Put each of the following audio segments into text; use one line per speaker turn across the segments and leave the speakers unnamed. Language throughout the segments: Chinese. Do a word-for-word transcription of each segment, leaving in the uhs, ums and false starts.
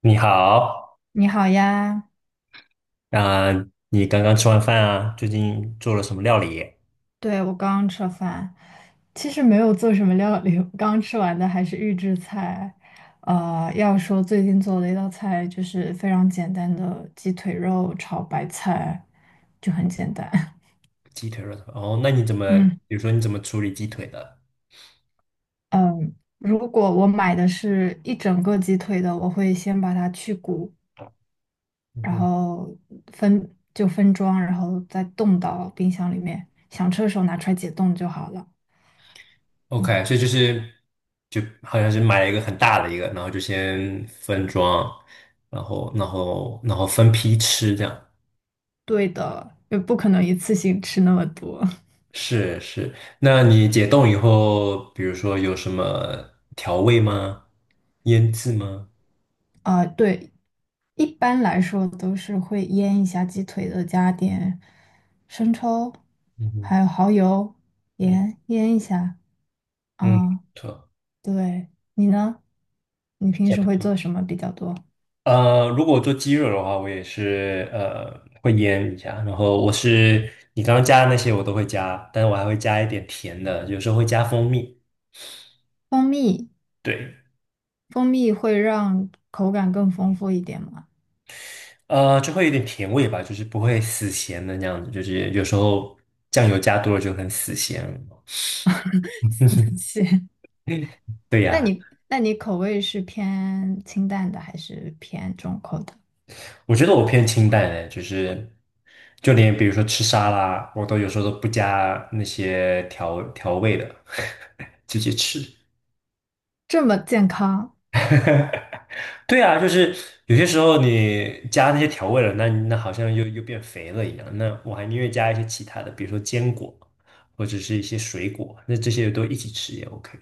你好。
你好呀。
啊、你刚刚吃完饭啊？最近做了什么料理？
对，我刚刚吃了饭，其实没有做什么料理，我刚吃完的还是预制菜。呃，要说最近做的一道菜就是非常简单的鸡腿肉炒白菜，就很简单。
鸡腿肉哦，那你怎么，
嗯。
比如说你怎么处理鸡腿的？
嗯，如果我买的是一整个鸡腿的，我会先把它去骨，
嗯
然
哼
后分就分装，然后再冻到冰箱里面，想吃的时候拿出来解冻就好了。嗯。
，OK,所以就是就好像是买了一个很大的一个，然后就先分装，然后然后然后分批吃这样。
对的，也不可能一次性吃那么多。
是是，那你解冻以后，比如说有什么调味吗？腌制吗？
啊，对，一般来说都是会腌一下鸡腿的，加点生抽，
嗯哼，
还有蚝油、
嗯
盐，腌一下
嗯，不
啊。
错。
对，你呢？你平时会做什么比较多？
呃，如果做鸡肉的话，我也是呃会腌一下，然后我是你刚刚加的那些我都会加，但是我还会加一点甜的，有时候会加蜂蜜。
蜂蜜，
对，
蜂蜜会让口感更丰富一点吗？
呃，就会有点甜味吧，就是不会死咸的那样子，就是有时候酱油加多了就很死咸。
是。
对
那
呀，
你那你口味是偏清淡的还是偏重口的？
我觉得我偏清淡的，就是就连比如说吃沙拉，我都有时候都不加那些调调味的，直接吃。
这么健康。
对啊，就是有些时候你加那些调味了，那那好像又又变肥了一样。那我还宁愿加一些其他的，比如说坚果或者是一些水果，那这些都一起吃也 OK。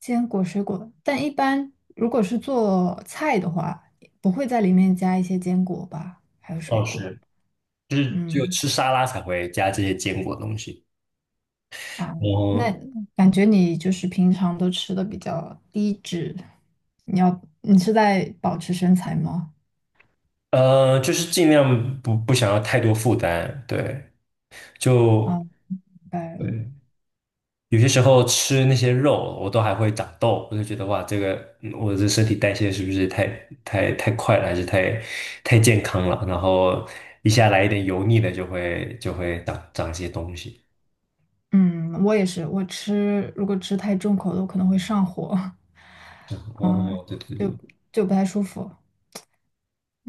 坚果水果，但一般如果是做菜的话，不会在里面加一些坚果吧，还有水
哦，
果。
是，就是只有
嗯
吃沙拉才会加这些坚果东西。
啊，那
我
感觉你就是平常都吃的比较低脂，你要你是在保持身材吗？
呃，就是尽量不不想要太多负担。对，
啊，
就
明白
对
了。
有些时候吃那些肉，我都还会长痘，我就觉得哇，这个嗯我的身体代谢是不是太太太快了，还是太太健康了？然后一下来一点油腻的，就会就会长长一些东西。
嗯，我也是，我吃如果吃太重口的，我可能会上火。
然 后
啊，
哦，对对
就
对，
就不太舒服。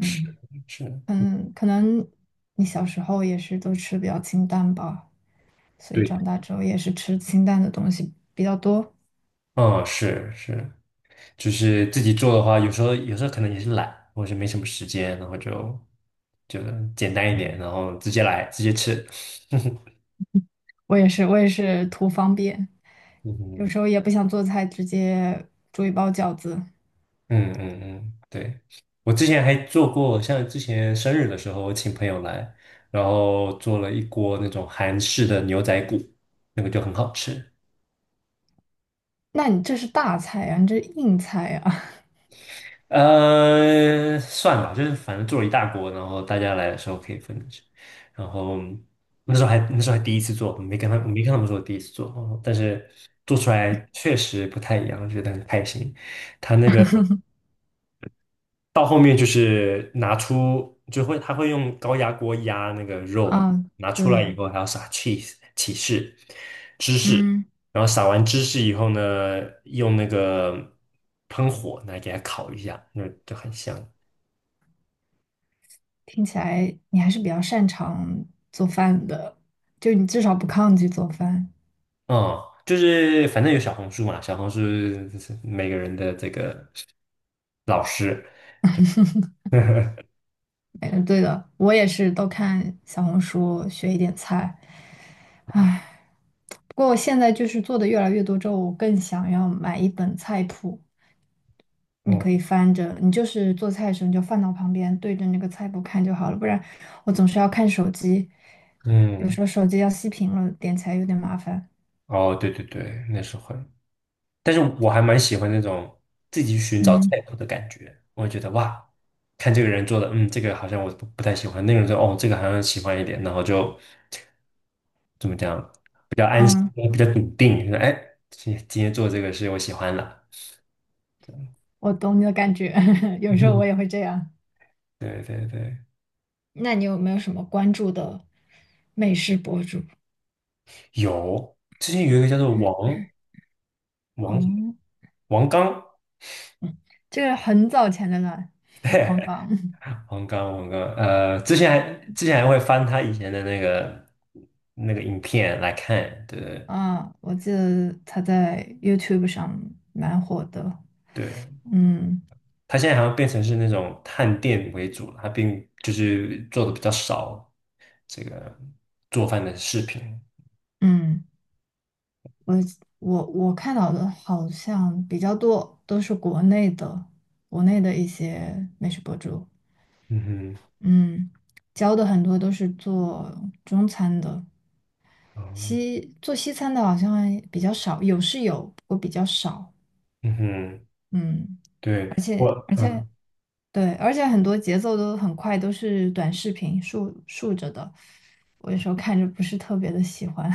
是是，
嗯，可能你小时候也是都吃比较清淡吧，所以
对，
长大之后也是吃清淡的东西比较多。
嗯，是是，就是自己做的话，有时候有时候可能也是懒，或者是没什么时间，然后就就简单一点，然后直接来，直接吃。
我也是，我也是图方便，
嗯
有
哼
时候也不想做菜，直接煮一包饺子。
嗯嗯嗯，对，我之前还做过，像之前生日的时候，我请朋友来，然后做了一锅那种韩式的牛仔骨，那个就很好吃。
那你这是大菜啊，你这是硬菜
呃，算了，就是反正做了一大锅，然后大家来的时候可以分着吃。然后那时候还那时候还第一次做，我没跟他我没跟他们说我第一次做，但是做出来确实不太一样，觉得很开心。到后面就是拿出，就会他会用高压锅压那个肉
啊？
嘛，
啊，
拿出来
对。
以后还要撒 cheese 起士芝士，
嗯，
然后撒完芝士以后呢，用那个喷火来给它烤一下，那就很香。
听起来你还是比较擅长做饭的，就你至少不抗拒做饭。
嗯，就是反正有小红书嘛，小红书是每个人的这个老师。
嗯，对的，我也是都看小红书学一点菜。唉，不过我现在就是做的越来越多之后，我更想要买一本菜谱，你
哦，
可以翻着，你就是做菜的时候你就放到旁边，对着那个菜谱看就好了，不然我总是要看手机，有
嗯，
时候手机要熄屏了，点起来有点麻烦。
哦，对对对，那是会。但是我还蛮喜欢那种自己寻找
嗯。
菜谱的感觉，我会觉得哇，看这个人做的，嗯，这个好像我不不太喜欢，那个人说哦，这个好像喜欢一点，然后就怎么讲，比较安心，
嗯，
比较笃定，说哎，今今天做这个是我喜欢了
我懂你的感觉。有时候我
嗯
也会这样。
对对对，
那你有没有什么关注的美食博主？
有，之前有一个叫做王王
嗯，
王刚，
这个很早前的了，王刚。
王刚王刚，呃，之前还之前还会翻他以前的那个那个影片来看，对 对
啊，我记得他在 YouTube 上蛮火的。
对。
嗯
它现在好像变成是那种探店为主了，它并就是做的比较少这个做饭的视频。
嗯。我我我看到的好像比较多都是国内的，国内的一些美食博主，
嗯哼，
嗯，教的很多都是做中餐的，
嗯
西做西餐的好像还比较少，有是有，不过比较少。
嗯哼，
嗯，
对，我，嗯，
对，而且很多节奏都很快，都是短视频竖竖着的，我有时候看着不是特别的喜欢。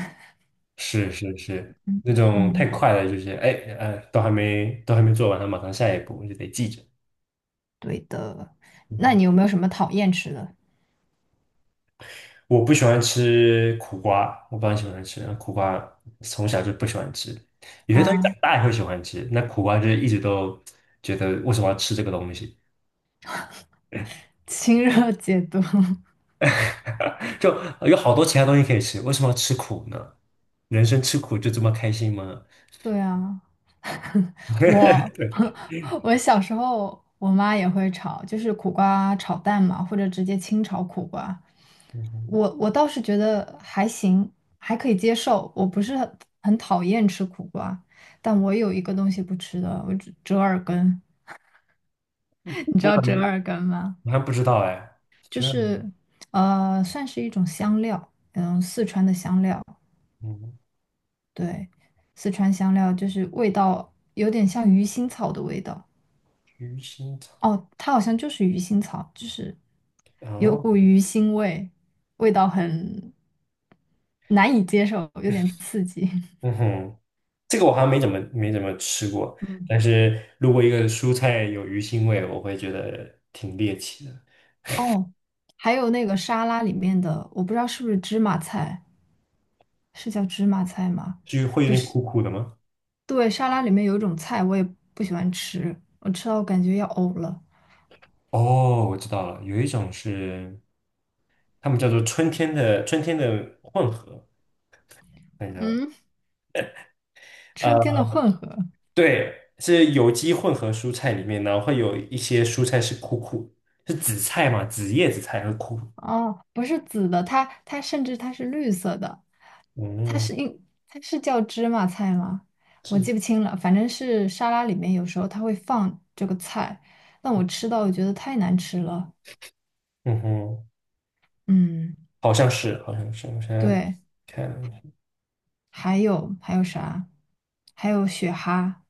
是是是，
嗯
那种太
嗯，
快了，就是哎呃，都还没都还没做完，它马上下一步就得记着。
对的，那你有没有什么讨厌吃的？
我不喜欢吃苦瓜，我不很喜欢吃苦瓜，从小就不喜欢吃。有些东西长
啊？
大也会喜欢吃，那苦瓜就是一直都觉得为什么要吃这个东西。
清热解毒。
就有好多其他东西可以吃，为什么要吃苦呢？人生吃苦就这么开心吗？
对啊，我 我小时候我妈也会炒，就是苦瓜炒蛋嘛，或者直接清炒苦瓜。我我倒是觉得还行，还可以接受。我不是很很讨厌吃苦瓜，但我有一个东西不吃的，我折折耳根。你知
我
道
还
折
没，
耳根吗？
我还不知道哎。
就
这样
是呃，算是一种香料，嗯，四川的香料，
嗯
对，四川香料就是味道有点像鱼腥草的味道。
鱼腥草，
哦，它好像就是鱼腥草，就是有
哦，
股鱼腥味，味道很难以接受，有点刺激。
嗯哼，这个我好像没怎么没怎么吃过，
嗯，
但是如果一个蔬菜有鱼腥味，我会觉得挺猎奇的。
哦，还有那个沙拉里面的，我不知道是不是芝麻菜，是叫芝麻菜吗？
至于会有
就
点
是
苦苦的吗？
对，沙拉里面有一种菜我也不喜欢吃，我吃到我感觉要呕了。
哦，我知道了，有一种是他们叫做春天的春天的混合，看一下
嗯，春天
啊。
的混合。
对，是有机混合蔬菜里面呢，会有一些蔬菜是苦苦，是紫菜嘛，紫叶紫菜和苦，
哦，不是紫的，它它甚至它是绿色的。它
嗯，
是应它是叫芝麻菜吗？我
是吗，
记不清了，反正是沙拉里面有时候它会放这个菜，但我吃到我觉得太难吃了。
嗯哼，
嗯，
好像是，好像是，我现在
对，
看，
还有还有啥？还有雪蛤，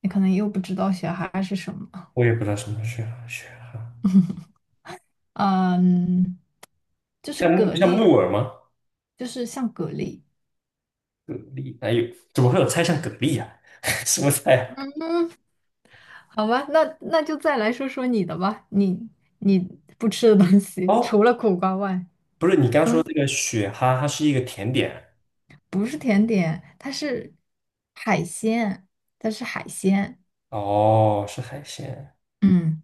你可能又不知道雪蛤是什么。
我也不知道什么是雪蛤，
嗯，就是
像木
蛤
像木
蜊，
耳吗？
就是像蛤蜊。
蛤蜊，还有怎么会有菜像蛤蜊啊？什么菜
好吧，那那就再来说说你的吧，你你不吃的东
啊
西，
哦，
除了苦瓜外。
不是，你刚说
嗯。
这个雪蛤，它是一个甜点，
不是甜点，它是海鲜，它是海鲜，
哦，是海鲜，
嗯，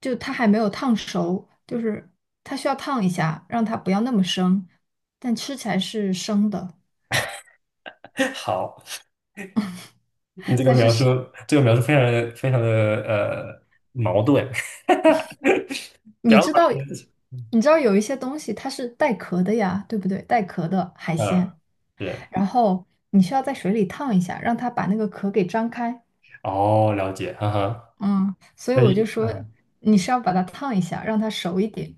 就它还没有烫熟，就是它需要烫一下，让它不要那么生，但吃起来是生的，
好。你这个
它是
描述，
生，
这个描述非常的非常的呃矛盾。不
你
要老
知道，你知道有一些东西它是带壳的呀，对不对？带壳的海
嗯，
鲜，
对，
然后你需要在水里烫一下，让它把那个壳给张开，
哦，了解，哈哈。
嗯，所以
但
我就
是，
说你是要把它烫一下，让它熟一点，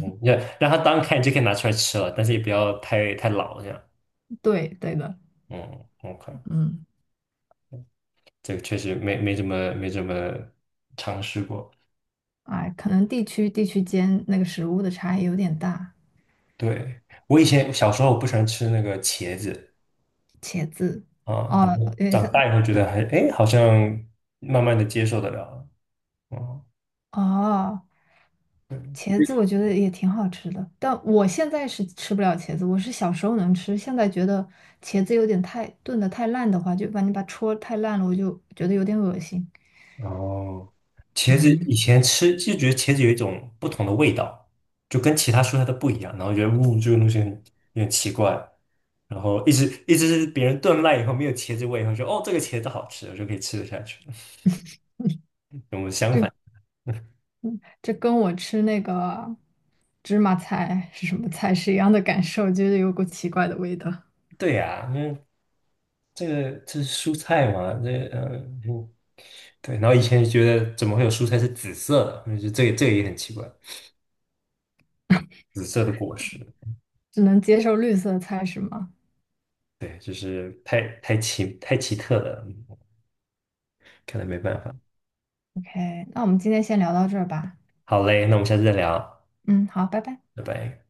嗯，要让它当你就可以拿出来吃了，但是也不要太太老这样。
对，对的，
嗯，OK,
嗯。
这个确实没没怎么没怎么尝试过。
哎，可能地区地区间那个食物的差异有点大。
对，我以前小时候我不喜欢吃那个茄子
茄子，
啊，
哦，
然后
因为
长
它
大以后觉得还哎，诶好像慢慢的接受得了。哦，
哦，
对
茄子我觉得也挺好吃的，但我现在是吃不了茄子，我是小时候能吃，现在觉得茄子有点太炖的太烂的话，就把你把戳太烂了，我就觉得有点恶心。
哦，茄子以
嗯。
前吃就觉得茄子有一种不同的味道，就跟其他蔬菜都不一样，然后觉得呜这个东西很有点奇怪，然后一直一直是别人炖烂以后没有茄子味以后，说哦这个茄子好吃，我就可以吃得下去。跟我相
这
反，
嗯这跟我吃那个芝麻菜是什么菜是一样的感受，觉得有股奇怪的味道。
对呀、因为这个这是蔬菜嘛，这呃嗯对，然后以前就觉得怎么会有蔬菜是紫色的，嗯就这个这个也很奇怪，紫色的果实，
只能接受绿色菜是吗？
对，就是太太奇太奇特了，嗯看来没办法。
OK,那我们今天先聊到这儿吧。
好嘞，那我们下次再聊，
嗯，好，拜拜。
拜拜。